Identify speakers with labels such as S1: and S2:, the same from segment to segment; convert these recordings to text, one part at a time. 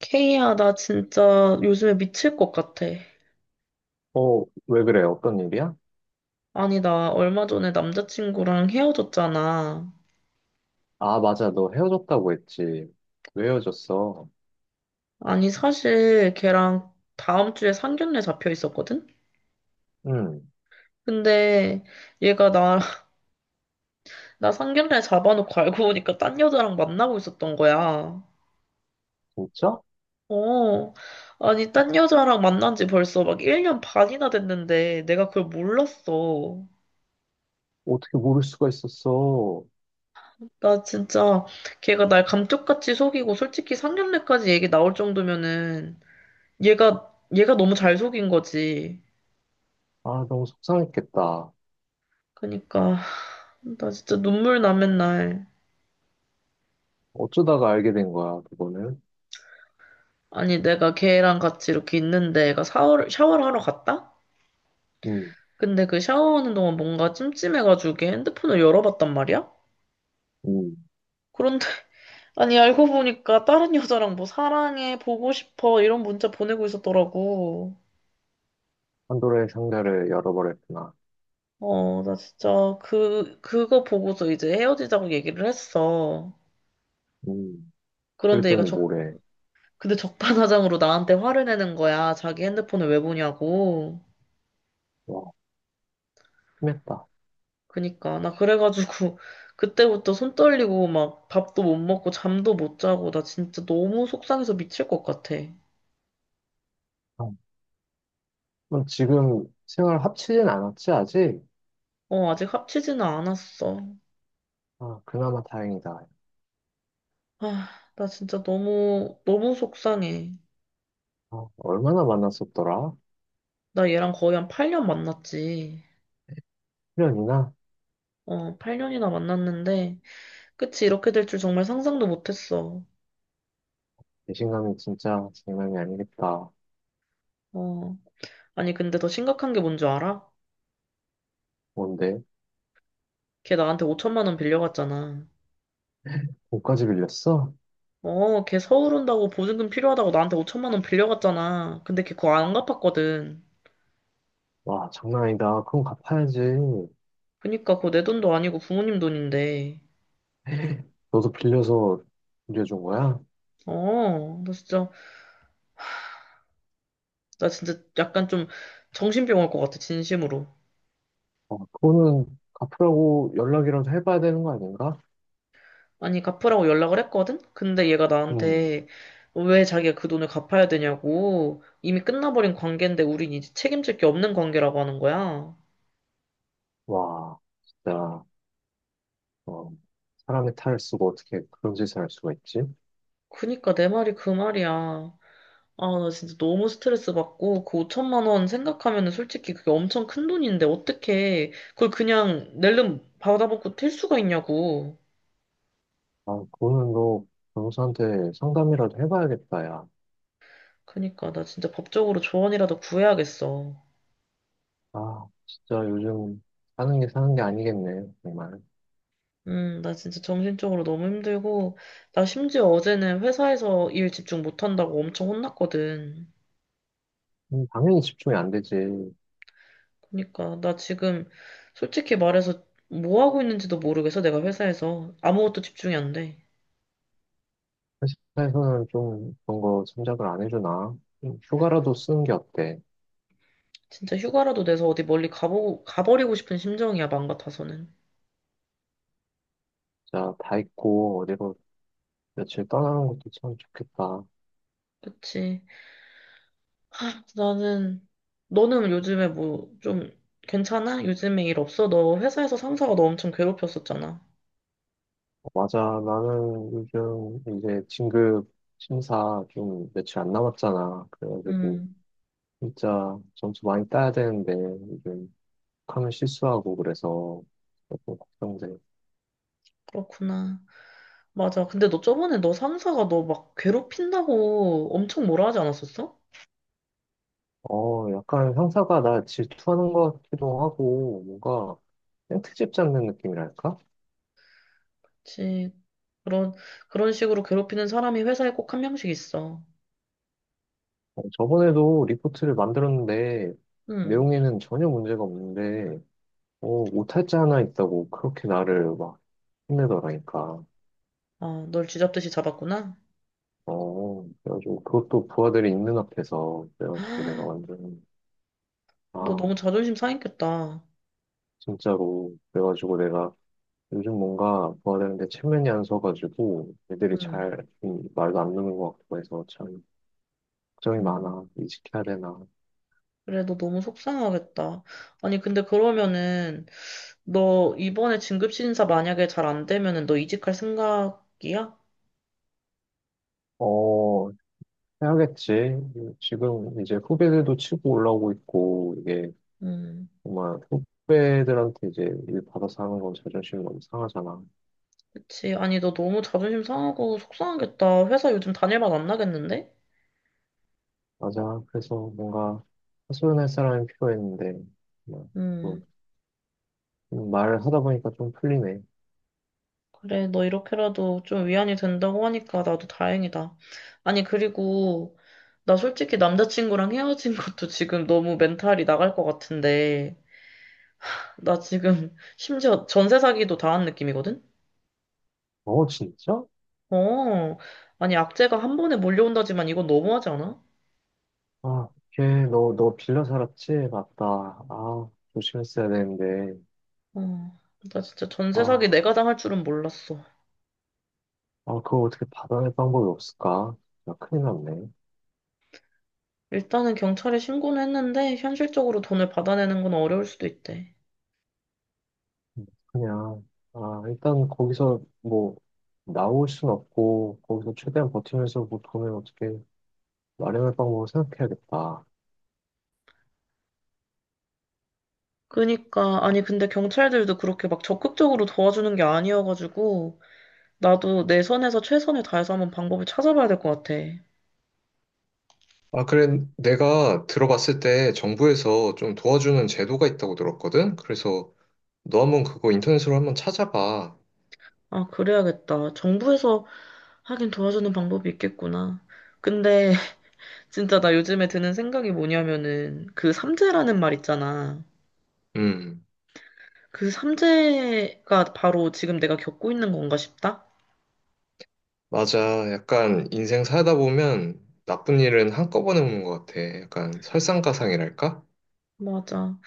S1: 케이야, 나 진짜 요즘에 미칠 것 같아.
S2: 어, 왜 그래? 어떤 일이야?
S1: 아니, 나 얼마 전에 남자친구랑 헤어졌잖아.
S2: 아, 맞아. 너 헤어졌다고 했지. 왜 헤어졌어?
S1: 아니, 사실 걔랑 다음 주에 상견례 잡혀 있었거든?
S2: 응,
S1: 근데 얘가 나, 나 상견례 잡아놓고 알고 보니까 딴 여자랑 만나고 있었던 거야.
S2: 진짜?
S1: 어. 아니, 딴 여자랑 만난 지 벌써 막 1년 반이나 됐는데 내가 그걸 몰랐어.
S2: 어떻게 모를 수가 있었어?
S1: 나 진짜 걔가 날 감쪽같이 속이고 솔직히 상견례까지 얘기 나올 정도면은 얘가 너무 잘 속인 거지.
S2: 아, 너무 속상했겠다.
S1: 그니까, 나 진짜 눈물 나 맨날.
S2: 어쩌다가 알게 된 거야, 그거는?
S1: 아니, 내가 걔랑 같이 이렇게 있는데 얘가 샤워를 하러 갔다?
S2: 응,
S1: 근데 그 샤워하는 동안 뭔가 찜찜해가지고 걔 핸드폰을 열어봤단 말이야?
S2: 응.
S1: 그런데, 아니, 알고 보니까 다른 여자랑 뭐 사랑해, 보고 싶어, 이런 문자 보내고 있었더라고.
S2: 판도라의 상자를 열어버렸구나.
S1: 어, 나 진짜 그거 보고서 이제 헤어지자고 얘기를 했어.
S2: 응.
S1: 그런데 얘가
S2: 그랬더니
S1: 적
S2: 뭐래.
S1: 근데 적반하장으로 나한테 화를 내는 거야. 자기 핸드폰을 왜 보냐고.
S2: 와, 심했다.
S1: 그니까. 나 그래가지고, 그때부터 손 떨리고, 막, 밥도 못 먹고, 잠도 못 자고, 나 진짜 너무 속상해서 미칠 것 같아.
S2: 아, 그럼 지금 생활 합치진 않았지, 아직?
S1: 어, 아직 합치지는 않았어.
S2: 아, 그나마 다행이다.
S1: 아, 나 진짜 너무 속상해.
S2: 아, 얼마나 만났었더라?
S1: 나 얘랑 거의 한 8년 만났지.
S2: 1년이나
S1: 어, 8년이나 만났는데, 끝이 이렇게 될 줄 정말 상상도 못 했어.
S2: 배신감이 진짜 장난이 아니겠다.
S1: 어. 아니, 근데 더 심각한 게 뭔 줄 알아?
S2: 뭔데?
S1: 걔 나한테 5천만 원 빌려갔잖아.
S2: 옷까지 빌렸어?
S1: 어, 걔 서울 온다고 보증금 필요하다고 나한테 5천만 원 빌려갔잖아. 근데 걔 그거 안 갚았거든.
S2: 와, 장난 아니다. 그럼 갚아야지.
S1: 그니까 그거 내 돈도 아니고 부모님 돈인데.
S2: 너도 빌려서 빌려준 거야?
S1: 어, 나 진짜 약간 좀 정신병 올 것 같아, 진심으로.
S2: 어, 그거는 갚으라고 연락이라도 해봐야 되는 거 아닌가?
S1: 아니, 갚으라고 연락을 했거든? 근데 얘가
S2: 음,
S1: 나한테 왜 자기가 그 돈을 갚아야 되냐고. 이미 끝나버린 관계인데 우린 이제 책임질 게 없는 관계라고 하는 거야.
S2: 와, 진짜, 어, 사람의 탈을 쓰고 어떻게 그런 짓을 할 수가 있지?
S1: 그니까 내 말이 그 말이야. 아, 나 진짜 너무 스트레스 받고, 그 5천만 원 생각하면은 솔직히 그게 엄청 큰 돈인데, 어떻게, 그걸 그냥 낼름 받아먹고 튈 수가 있냐고.
S2: 아, 그거는 너 변호사한테 상담이라도 해봐야겠다, 야.
S1: 그니까, 나 진짜 법적으로 조언이라도 구해야겠어.
S2: 아, 진짜 요즘 사는 게 아니겠네, 정말.
S1: 나 진짜 정신적으로 너무 힘들고, 나 심지어 어제는 회사에서 일 집중 못한다고 엄청 혼났거든.
S2: 당연히 집중이 안 되지.
S1: 그니까, 나 지금 솔직히 말해서 뭐 하고 있는지도 모르겠어, 내가 회사에서. 아무것도 집중이 안 돼.
S2: 회사에서는 좀 그런 거 생각을 안 해주나? 좀 휴가라도 쓰는 게 어때?
S1: 진짜 휴가라도 내서 어디 멀리 가버리고 싶은 심정이야, 맘 같아서는.
S2: 자, 다 있고 어디로 며칠 떠나는 것도 참 좋겠다. 어,
S1: 그치. 아, 나는, 너는 요즘에 뭐, 좀, 괜찮아? 요즘에 일 없어? 너 회사에서 상사가 너 엄청 괴롭혔었잖아.
S2: 맞아, 나는 요즘 이제 진급 심사 좀 며칠 안 남았잖아. 그래가지고
S1: 음,
S2: 진짜 점수 많이 따야 되는데 요즘 하면 실수하고 그래서 조금 걱정돼.
S1: 그렇구나. 맞아. 근데 너 저번에 너 상사가 너 막 괴롭힌다고 엄청 뭐라 하지 않았었어?
S2: 어, 약간 형사가 나 질투하는 것 같기도 하고 뭔가 생트집 잡는 느낌이랄까?
S1: 그치. 그런, 그런 식으로 괴롭히는 사람이 회사에 꼭 한 명씩 있어.
S2: 어, 저번에도 리포트를 만들었는데
S1: 음.
S2: 내용에는 전혀 문제가 없는데 어, 오탈자 하나 있다고 그렇게 나를 막 혼내더라니까.
S1: 아, 널 쥐잡듯이 잡았구나.
S2: 어, 그래가지고 그것도 부하들이 있는 앞에서 그래가지고 내가 완전
S1: 너
S2: 아
S1: 너무 자존심 상했겠다.
S2: 진짜로 그래가지고 내가 요즘 뭔가 부하들한테 체면이 안 서가지고 애들이
S1: 음.
S2: 잘 말도 안 듣는 것 같고 해서 참 걱정이
S1: 음.
S2: 많아. 이직해야 되나?
S1: 그래, 너 너무 속상하겠다. 아니, 근데 그러면은, 너 이번에 진급신사 만약에 잘 안 되면은 너 이직할 생각이야?
S2: 어, 해야겠지. 지금 이제 후배들도 치고 올라오고 있고, 이게
S1: 음,
S2: 정말 후배들한테 이제 일 받아서 하는 건 자존심이 너무 상하잖아.
S1: 그치. 아니, 너 너무 자존심 상하고 속상하겠다. 회사 요즘 다닐 맛 안 나겠는데?
S2: 맞아. 그래서 뭔가 하소연할 사람이 필요했는데, 뭐, 또
S1: 음,
S2: 말하다 보니까 좀 풀리네.
S1: 그래, 너 이렇게라도 좀 위안이 된다고 하니까 나도 다행이다. 아니, 그리고, 나 솔직히 남자친구랑 헤어진 것도 지금 너무 멘탈이 나갈 것 같은데, 나 지금 심지어 전세 사기도 당한 느낌이거든?
S2: 어, 진짜?
S1: 어, 아니, 악재가 한 번에 몰려온다지만 이건 너무하지 않아?
S2: 아, 걔, 너, 너 빌려 살았지? 맞다. 아, 조심했어야 되는데.
S1: 어, 나 진짜 전세 사기
S2: 아,
S1: 내가 당할 줄은 몰랐어.
S2: 아, 그거 어떻게 받아낼 방법이 없을까? 나 큰일 났네.
S1: 일단은 경찰에 신고는 했는데, 현실적으로 돈을 받아내는 건 어려울 수도 있대.
S2: 그냥, 아, 일단 거기서 뭐, 나올 순 없고, 거기서 최대한 버티면서 뭐 돈을 어떻게 마련할 방법을 생각해야겠다.
S1: 그니까, 아니, 근데 경찰들도 그렇게 막 적극적으로 도와주는 게 아니어가지고, 나도 내 선에서 최선을 다해서 한번 방법을 찾아봐야 될 것 같아.
S2: 너 한번 스스로 한번 찾아봐.
S1: 아, 그래야겠다. 정부에서 하긴 도와주는 방법이 있겠구나. 근데 진짜 나 요즘에 드는 생각이 뭐냐면은 그 삼재라는 말 있잖아.
S2: 음,
S1: 그 삼재가 바로 지금 내가 겪고 있는 건가 싶다?
S2: 맞아. 약간 인생 살다 보면 나쁜 일은 한꺼번에 오는 것 같아. 약간 설상가상이랄까?
S1: 맞아.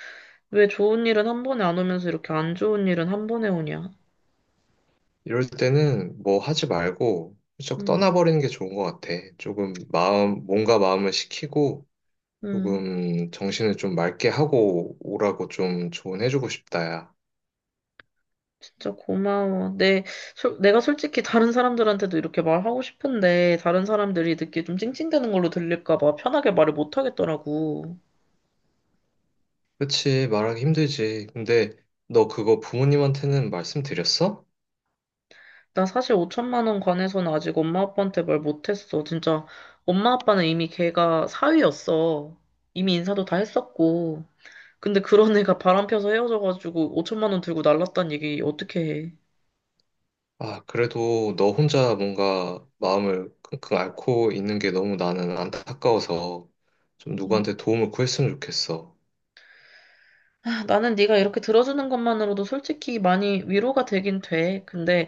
S1: 왜 좋은 일은 한 번에 안 오면서 이렇게 안 좋은 일은 한 번에 오냐?
S2: 이럴 때는 뭐 하지 말고 훌쩍
S1: 음,
S2: 떠나버리는 게 좋은 것 같아. 조금 마음, 몸과 마음을 식히고
S1: 음.
S2: 조금 정신을 좀 맑게 하고 오라고 좀 조언해주고 싶다, 야.
S1: 진짜 고마워. 내가 솔직히 다른 사람들한테도 이렇게 말하고 싶은데 다른 사람들이 듣기 좀 찡찡대는 걸로 들릴까 봐 편하게 말을 못 하겠더라고.
S2: 그치, 말하기 힘들지. 근데 너 그거 부모님한테는 말씀드렸어?
S1: 나 사실 5천만 원 관해서는 아직 엄마 아빠한테 말 못했어. 진짜 엄마 아빠는 이미 걔가 사위였어. 이미 인사도 다 했었고. 근데 그런 애가 바람 펴서 헤어져가지고 5천만 원 들고 날랐단 얘기 어떻게 해?
S2: 아, 그래도 너 혼자 뭔가 마음을 끙끙 앓고 있는 게 너무 나는 안타까워서 좀
S1: 음.
S2: 누구한테 도움을 구했으면 좋겠어.
S1: 아, 나는 네가 이렇게 들어주는 것만으로도 솔직히 많이 위로가 되긴 돼. 근데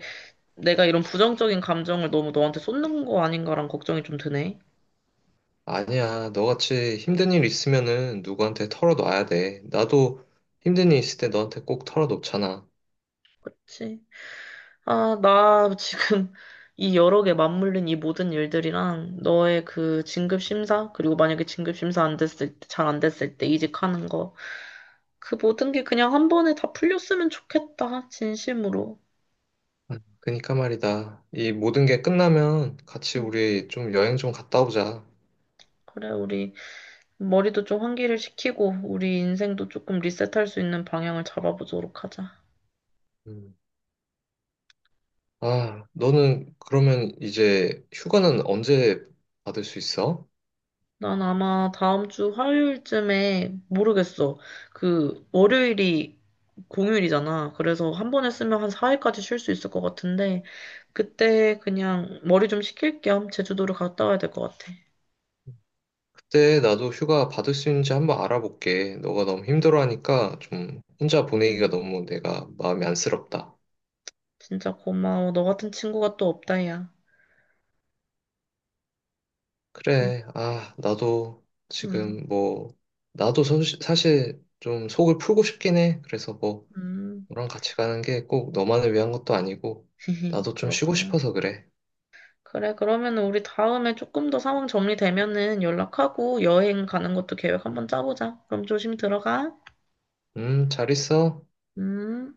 S1: 내가 이런 부정적인 감정을 너무 너한테 쏟는 거 아닌가란 걱정이 좀 드네.
S2: 아니야, 너같이 힘든 일 있으면은 누구한테 털어놔야 돼. 나도 힘든 일 있을 때 너한테 꼭 털어놓잖아.
S1: 그치? 아, 나 지금 이 여러 개 맞물린 이 모든 일들이랑 너의 그 진급 심사, 그리고 만약에 진급 심사 안 됐을 때, 잘 안 됐을 때 이직하는 거, 그 모든 게 그냥 한 번에 다 풀렸으면 좋겠다, 진심으로.
S2: 그니까 말이다. 이 모든 게 끝나면 같이
S1: 음,
S2: 우리 좀 여행 좀 갔다 오자.
S1: 그래, 우리 머리도 좀 환기를 시키고, 우리 인생도 조금 리셋할 수 있는 방향을 잡아보도록 하자.
S2: 음. 아, 너는 그러면 이제 휴가는 언제 받을 수 있어?
S1: 난 아마 다음 주 화요일쯤에 모르겠어. 그 월요일이 공휴일이잖아. 그래서 한 번에 쓰면 한 4일까지 쉴 수 있을 것 같은데 그때 그냥 머리 좀 식힐 겸 제주도를 갔다 와야 될 것 같아.
S2: 그때 나도 휴가 받을 수 있는지 한번 알아볼게. 너가 너무 힘들어하니까 좀 혼자 보내기가
S1: 음,
S2: 너무 내가 마음이 안쓰럽다.
S1: 진짜 고마워. 너 같은 친구가 또 없다야. 진,
S2: 그래, 아, 나도
S1: 음,
S2: 지금 뭐, 나도 사실 좀 속을 풀고 싶긴 해. 그래서 뭐,
S1: 음.
S2: 너랑 같이 가는 게 꼭 너만을 위한 것도 아니고, 나도 좀 쉬고
S1: 그렇구나.
S2: 싶어서 그래.
S1: 그래, 그러면 은 우리 다음에 조금 더 상황 정리되면은 연락하고 여행 가는 것도 계획 한번 짜보자. 그럼 조심 들어가.
S2: 잘 있어.
S1: 음.